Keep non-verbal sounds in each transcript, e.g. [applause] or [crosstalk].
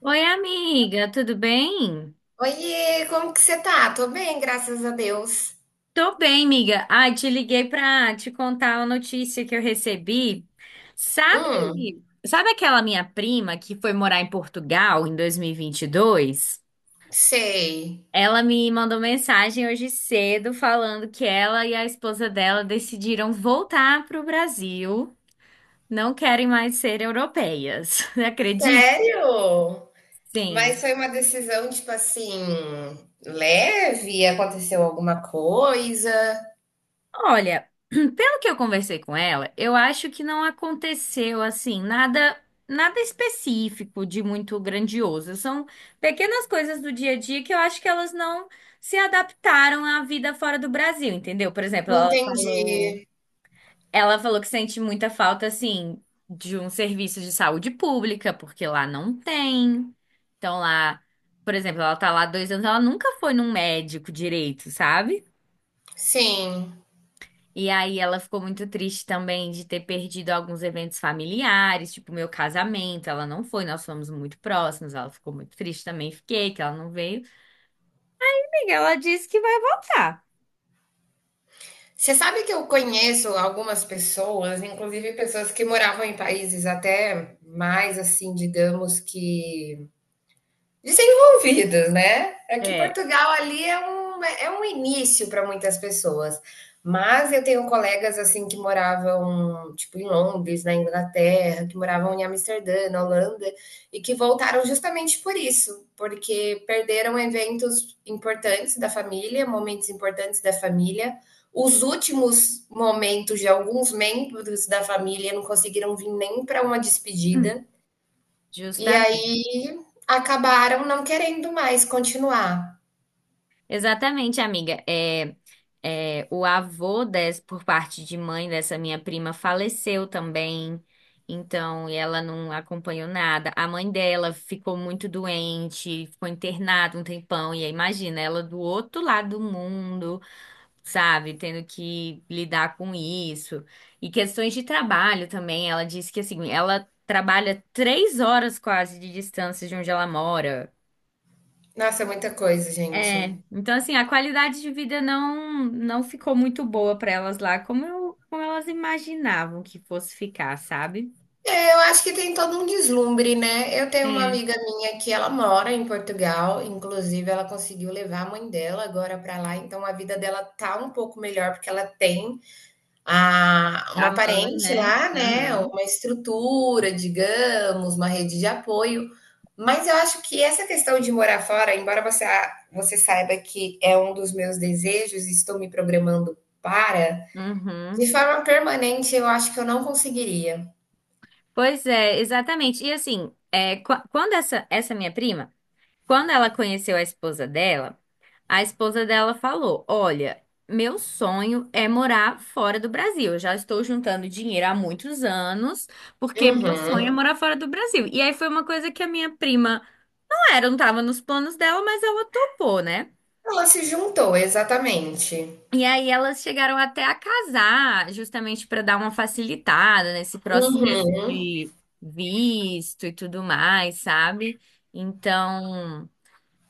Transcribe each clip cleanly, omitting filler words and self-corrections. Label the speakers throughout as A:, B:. A: Oi, amiga, tudo bem?
B: Oiê, como que você tá? Tô bem, graças a Deus.
A: Tô bem, amiga. Ai, te liguei pra te contar uma notícia que eu recebi.
B: Hum,
A: Sabe aquela minha prima que foi morar em Portugal em 2022?
B: sei.
A: Ela me mandou mensagem hoje cedo falando que ela e a esposa dela decidiram voltar pro Brasil, não querem mais ser europeias. [laughs] Acredita?
B: Sério? Mas
A: Sim?
B: foi uma decisão, tipo assim, leve? Aconteceu alguma coisa?
A: Olha, [clears throat] pelo que eu conversei com ela, eu acho que não aconteceu assim nada específico de muito grandioso. São pequenas coisas do dia a dia que eu acho que elas não se adaptaram à vida fora do Brasil, entendeu? Por exemplo, ela
B: Entendi.
A: falou, ela falou que sente muita falta assim de um serviço de saúde pública, porque lá não tem. Então lá, por exemplo, ela tá lá há 2 anos, ela nunca foi num médico direito, sabe?
B: Sim.
A: E aí ela ficou muito triste também de ter perdido alguns eventos familiares, tipo meu casamento, ela não foi, nós fomos muito próximos, ela ficou muito triste também, fiquei, que ela não veio. Amiga, ela disse que vai voltar.
B: Você sabe que eu conheço algumas pessoas, inclusive pessoas que moravam em países até mais assim, digamos que desenvolvidos, né? É que
A: É.
B: Portugal ali é um, é um início para muitas pessoas. Mas eu tenho colegas assim que moravam tipo em Londres, na Inglaterra, que moravam em Amsterdã, na Holanda, e que voltaram justamente por isso, porque perderam eventos importantes da família, momentos importantes da família. Os últimos momentos de alguns membros da família não conseguiram vir nem para uma
A: [clears throat]
B: despedida. E
A: Justamente.
B: aí acabaram não querendo mais continuar.
A: Exatamente, amiga. É, o avô por parte de mãe dessa minha prima faleceu também, então, e ela não acompanhou nada. A mãe dela ficou muito doente, ficou internada um tempão, e aí imagina, ela do outro lado do mundo, sabe, tendo que lidar com isso. E questões de trabalho também, ela disse que assim, ela trabalha 3 horas quase de distância de onde ela mora.
B: Nossa, é muita coisa,
A: É,
B: gente.
A: então assim, a qualidade de vida não ficou muito boa para elas lá, como eu, como elas imaginavam que fosse ficar, sabe?
B: É, eu acho que tem todo um deslumbre, né? Eu tenho uma
A: É.
B: amiga minha que ela mora em Portugal, inclusive ela conseguiu levar a mãe dela agora para lá, então a vida dela tá um pouco melhor porque ela tem a
A: A
B: uma
A: mãe,
B: parente
A: né?
B: lá, né,
A: Aham.
B: uma estrutura, digamos, uma rede de apoio. Mas eu acho que essa questão de morar fora, embora você, você saiba que é um dos meus desejos e estou me programando para, de
A: Uhum.
B: forma permanente eu acho que eu não conseguiria.
A: Pois é, exatamente. E assim, é, quando essa minha prima, quando ela conheceu a esposa dela falou: olha, meu sonho é morar fora do Brasil. Eu já estou juntando dinheiro há muitos anos, porque meu sonho é
B: Uhum.
A: morar fora do Brasil. E aí foi uma coisa que a minha prima era, não tava nos planos dela, mas ela topou, né?
B: Ela se juntou, exatamente.
A: E aí elas chegaram até a casar, justamente para dar uma facilitada nesse processo
B: Uhum.
A: de visto e tudo mais, sabe? Então,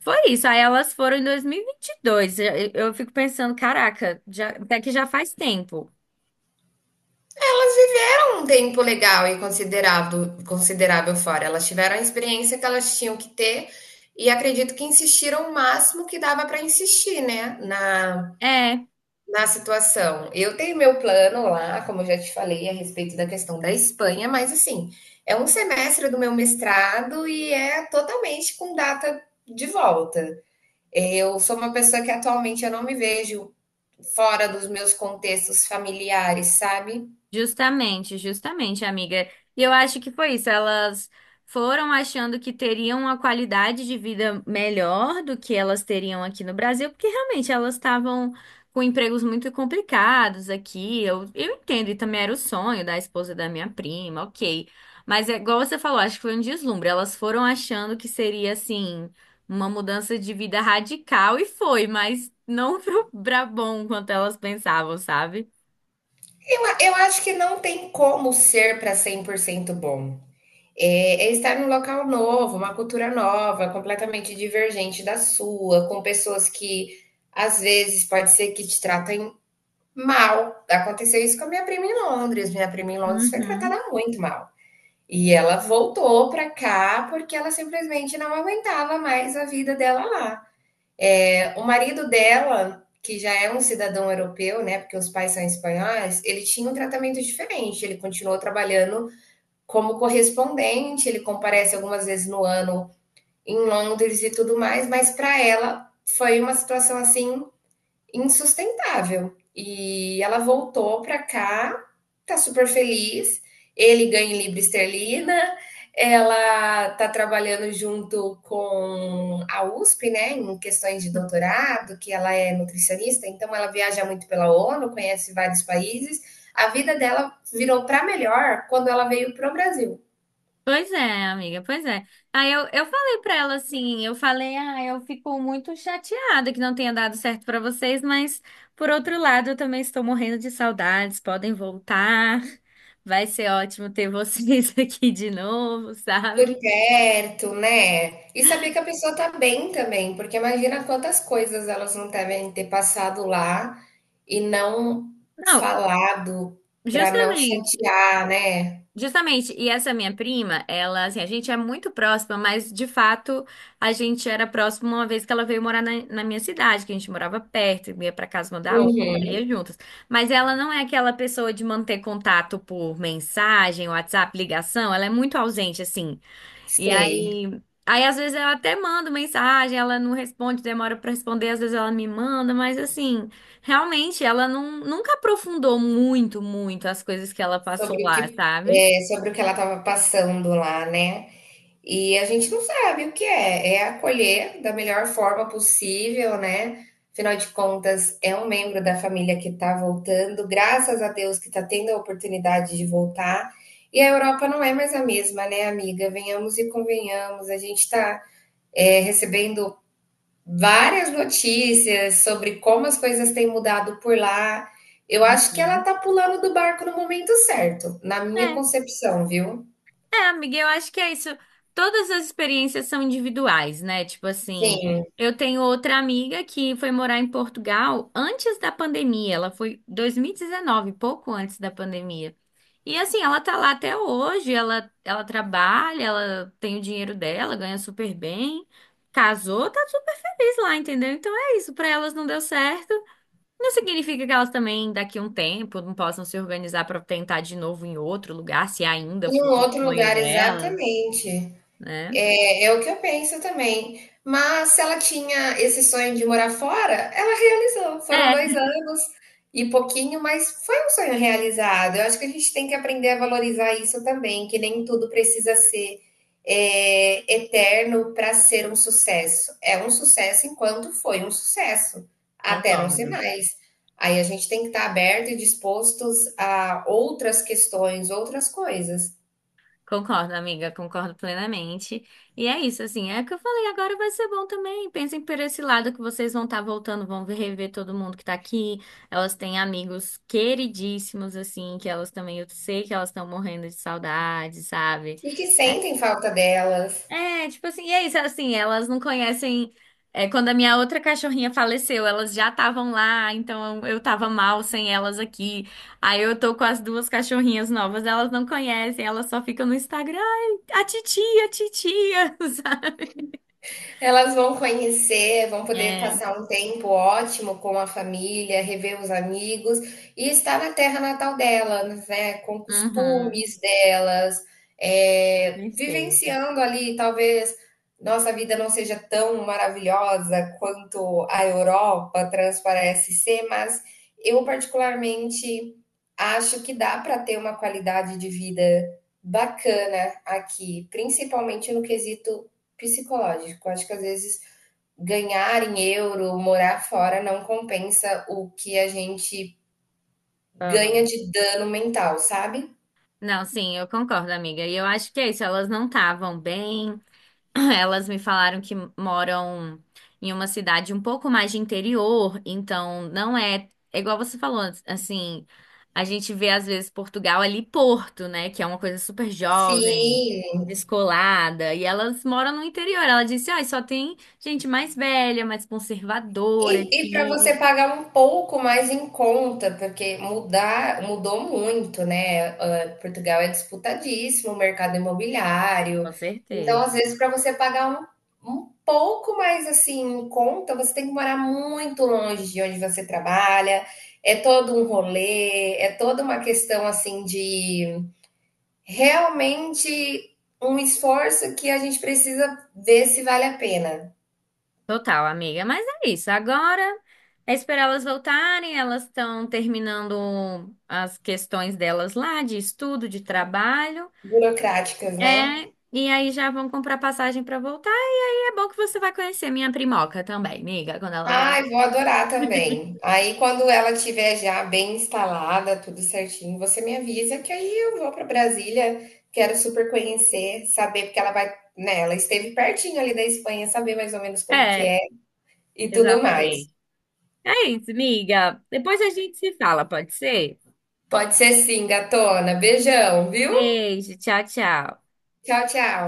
A: foi isso. Aí elas foram em 2022. Eu fico pensando, caraca, até que já faz tempo.
B: Elas viveram um tempo legal e considerado, considerável fora. Elas tiveram a experiência que elas tinham que ter e acredito que insistiram o máximo que dava para insistir, né, na,
A: É,
B: na situação. Eu tenho meu plano lá, como eu já te falei, a respeito da questão da Espanha, mas assim, é um semestre do meu mestrado e é totalmente com data de volta. Eu sou uma pessoa que atualmente eu não me vejo fora dos meus contextos familiares, sabe?
A: justamente, justamente, amiga. E eu acho que foi isso. Elas foram achando que teriam uma qualidade de vida melhor do que elas teriam aqui no Brasil, porque realmente elas estavam com empregos muito complicados aqui. Eu entendo, e também era o sonho da esposa da minha prima, ok. Mas é igual você falou, acho que foi um deslumbre. Elas foram achando que seria assim, uma mudança de vida radical, e foi, mas não [laughs] para bom quanto elas pensavam, sabe?
B: Eu acho que não tem como ser para 100% bom. É estar num local novo, uma cultura nova, completamente divergente da sua, com pessoas que às vezes pode ser que te tratem mal. Aconteceu isso com a minha prima em Londres. Minha prima em Londres foi
A: Uhum.
B: tratada muito mal. E ela voltou para cá porque ela simplesmente não aguentava mais a vida dela lá. O marido dela, que já é um cidadão europeu, né, porque os pais são espanhóis, ele tinha um tratamento diferente. Ele continuou trabalhando como correspondente, ele comparece algumas vezes no ano em Londres e tudo mais, mas para ela foi uma situação assim insustentável. E ela voltou para cá, tá super feliz. Ele ganha em libra esterlina, ela tá trabalhando junto com a USP, né, em questões de doutorado, que ela é nutricionista, então ela viaja muito pela ONU, conhece vários países. A vida dela virou para melhor quando ela veio pro Brasil.
A: Pois é, amiga, pois é. Aí eu falei pra ela assim, eu falei, ah, eu fico muito chateada que não tenha dado certo pra vocês, mas por outro lado, eu também estou morrendo de saudades, podem voltar. Vai ser ótimo ter vocês [laughs] aqui de novo,
B: Por
A: sabe?
B: perto, né? E saber que a pessoa tá bem também, porque imagina quantas coisas elas não devem ter passado lá e não
A: Não,
B: falado pra não
A: justamente.
B: chatear, né?
A: Justamente, e essa minha prima, ela, assim, a gente é muito próxima, mas de fato a gente era próxima uma vez que ela veio morar na minha cidade, que a gente morava perto, ia pra casa uma da outra,
B: Uhum.
A: ia juntas. Mas ela não é aquela pessoa de manter contato por mensagem, WhatsApp, ligação, ela é muito ausente, assim. E
B: Sei,
A: aí, às vezes eu até mando mensagem, ela não responde, demora pra responder, às vezes ela me manda, mas assim, realmente ela não, nunca aprofundou muito, muito as coisas que ela passou
B: sobre o
A: lá,
B: que
A: sabe?
B: é, sobre o que ela tava passando lá, né? E a gente não sabe o que é. É acolher da melhor forma possível, né? Afinal de contas, é um membro da família que está voltando, graças a Deus que está tendo a oportunidade de voltar. E a Europa não é mais a mesma, né, amiga? Venhamos e convenhamos. A gente está recebendo várias notícias sobre como as coisas têm mudado por lá. Eu acho que ela
A: Hum.
B: está pulando do barco no momento certo, na minha
A: É,
B: concepção, viu?
A: é, amiga, eu acho que é isso. Todas as experiências são individuais, né? Tipo assim,
B: Sim.
A: eu tenho outra amiga que foi morar em Portugal antes da pandemia. Ela foi 2019, pouco antes da pandemia. E assim, ela tá lá até hoje, ela trabalha, ela tem o dinheiro dela, ganha super bem, casou, tá super feliz lá, entendeu? Então é isso, pra elas não deu certo. Não significa que elas também, daqui a um tempo, não possam se organizar para tentar de novo em outro lugar, se ainda
B: Em um
A: for o
B: outro
A: sonho
B: lugar,
A: delas,
B: exatamente.
A: né?
B: É, é o que eu penso também. Mas se ela tinha esse sonho de morar fora, ela realizou. Foram
A: É,
B: 2 anos e pouquinho, mas foi um sonho realizado. Eu acho que a gente tem que aprender a valorizar isso também, que nem tudo precisa ser eterno para ser um sucesso. É um sucesso enquanto foi um sucesso, até não ser
A: concordo.
B: mais. Aí a gente tem que estar aberto e dispostos a outras questões, outras coisas.
A: Concordo, amiga, concordo plenamente. E é isso, assim, é o que eu falei, agora vai ser bom também. Pensem por esse lado que vocês vão estar voltando, vão rever todo mundo que tá aqui. Elas têm amigos queridíssimos, assim, que elas também, eu sei que elas estão morrendo de saudade, sabe?
B: E que
A: É,
B: sentem falta delas.
A: é, tipo assim, e é isso, assim, elas não conhecem. É, quando a minha outra cachorrinha faleceu, elas já estavam lá, então eu tava mal sem elas aqui. Aí eu tô com as duas cachorrinhas novas, elas não conhecem, elas só ficam no Instagram. Ai, a titia, [laughs] sabe?
B: Elas vão conhecer, vão poder
A: É,
B: passar um tempo ótimo com a família, rever os amigos e estar na terra natal delas, né? Com
A: uhum,
B: costumes delas,
A: com
B: é,
A: certeza.
B: vivenciando ali, talvez nossa vida não seja tão maravilhosa quanto a Europa transparece ser, mas eu particularmente acho que dá para ter uma qualidade de vida bacana aqui, principalmente no quesito psicológico. Acho que às vezes ganhar em euro, morar fora, não compensa o que a gente ganha
A: Aham.
B: de dano mental, sabe?
A: Não, sim, eu concordo, amiga. E eu acho que é isso, elas não estavam bem. [laughs] [clears throat] Elas me falaram que moram em uma cidade um pouco mais de interior, então não é, é igual você falou, assim, a gente vê às vezes Portugal ali Porto, né, que é uma coisa super jovem,
B: Sim.
A: descolada, e elas moram no interior. Ela disse: "Ah, só tem gente mais velha, mais conservadora
B: E para
A: aqui".
B: você pagar um pouco mais em conta, porque mudar, mudou muito, né? Ah, Portugal é disputadíssimo, o mercado imobiliário.
A: Com
B: Então, às
A: certeza.
B: vezes, para você pagar um pouco mais assim em conta, você tem que morar muito longe de onde você trabalha. É todo um rolê, é toda uma questão assim de realmente um esforço que a gente precisa ver se vale a pena.
A: Total, amiga. Mas é isso. Agora é esperar elas voltarem. Elas estão terminando as questões delas lá, de estudo, de trabalho.
B: Burocráticas, né?
A: É, e aí já vão comprar passagem para voltar. E aí é bom que você vai conhecer a minha primoca também, amiga, quando ela
B: Ai,
A: voltar.
B: vou adorar também. Aí, quando ela tiver já bem instalada, tudo certinho, você me avisa que aí eu vou para Brasília. Quero super conhecer, saber, porque ela vai, né? Ela esteve pertinho ali da Espanha, saber mais ou menos como que
A: É,
B: é e tudo mais.
A: exatamente. É isso, amiga. Depois a gente se fala, pode ser?
B: Pode ser sim, gatona. Beijão, viu?
A: Beijo, tchau, tchau.
B: Tchau, tchau.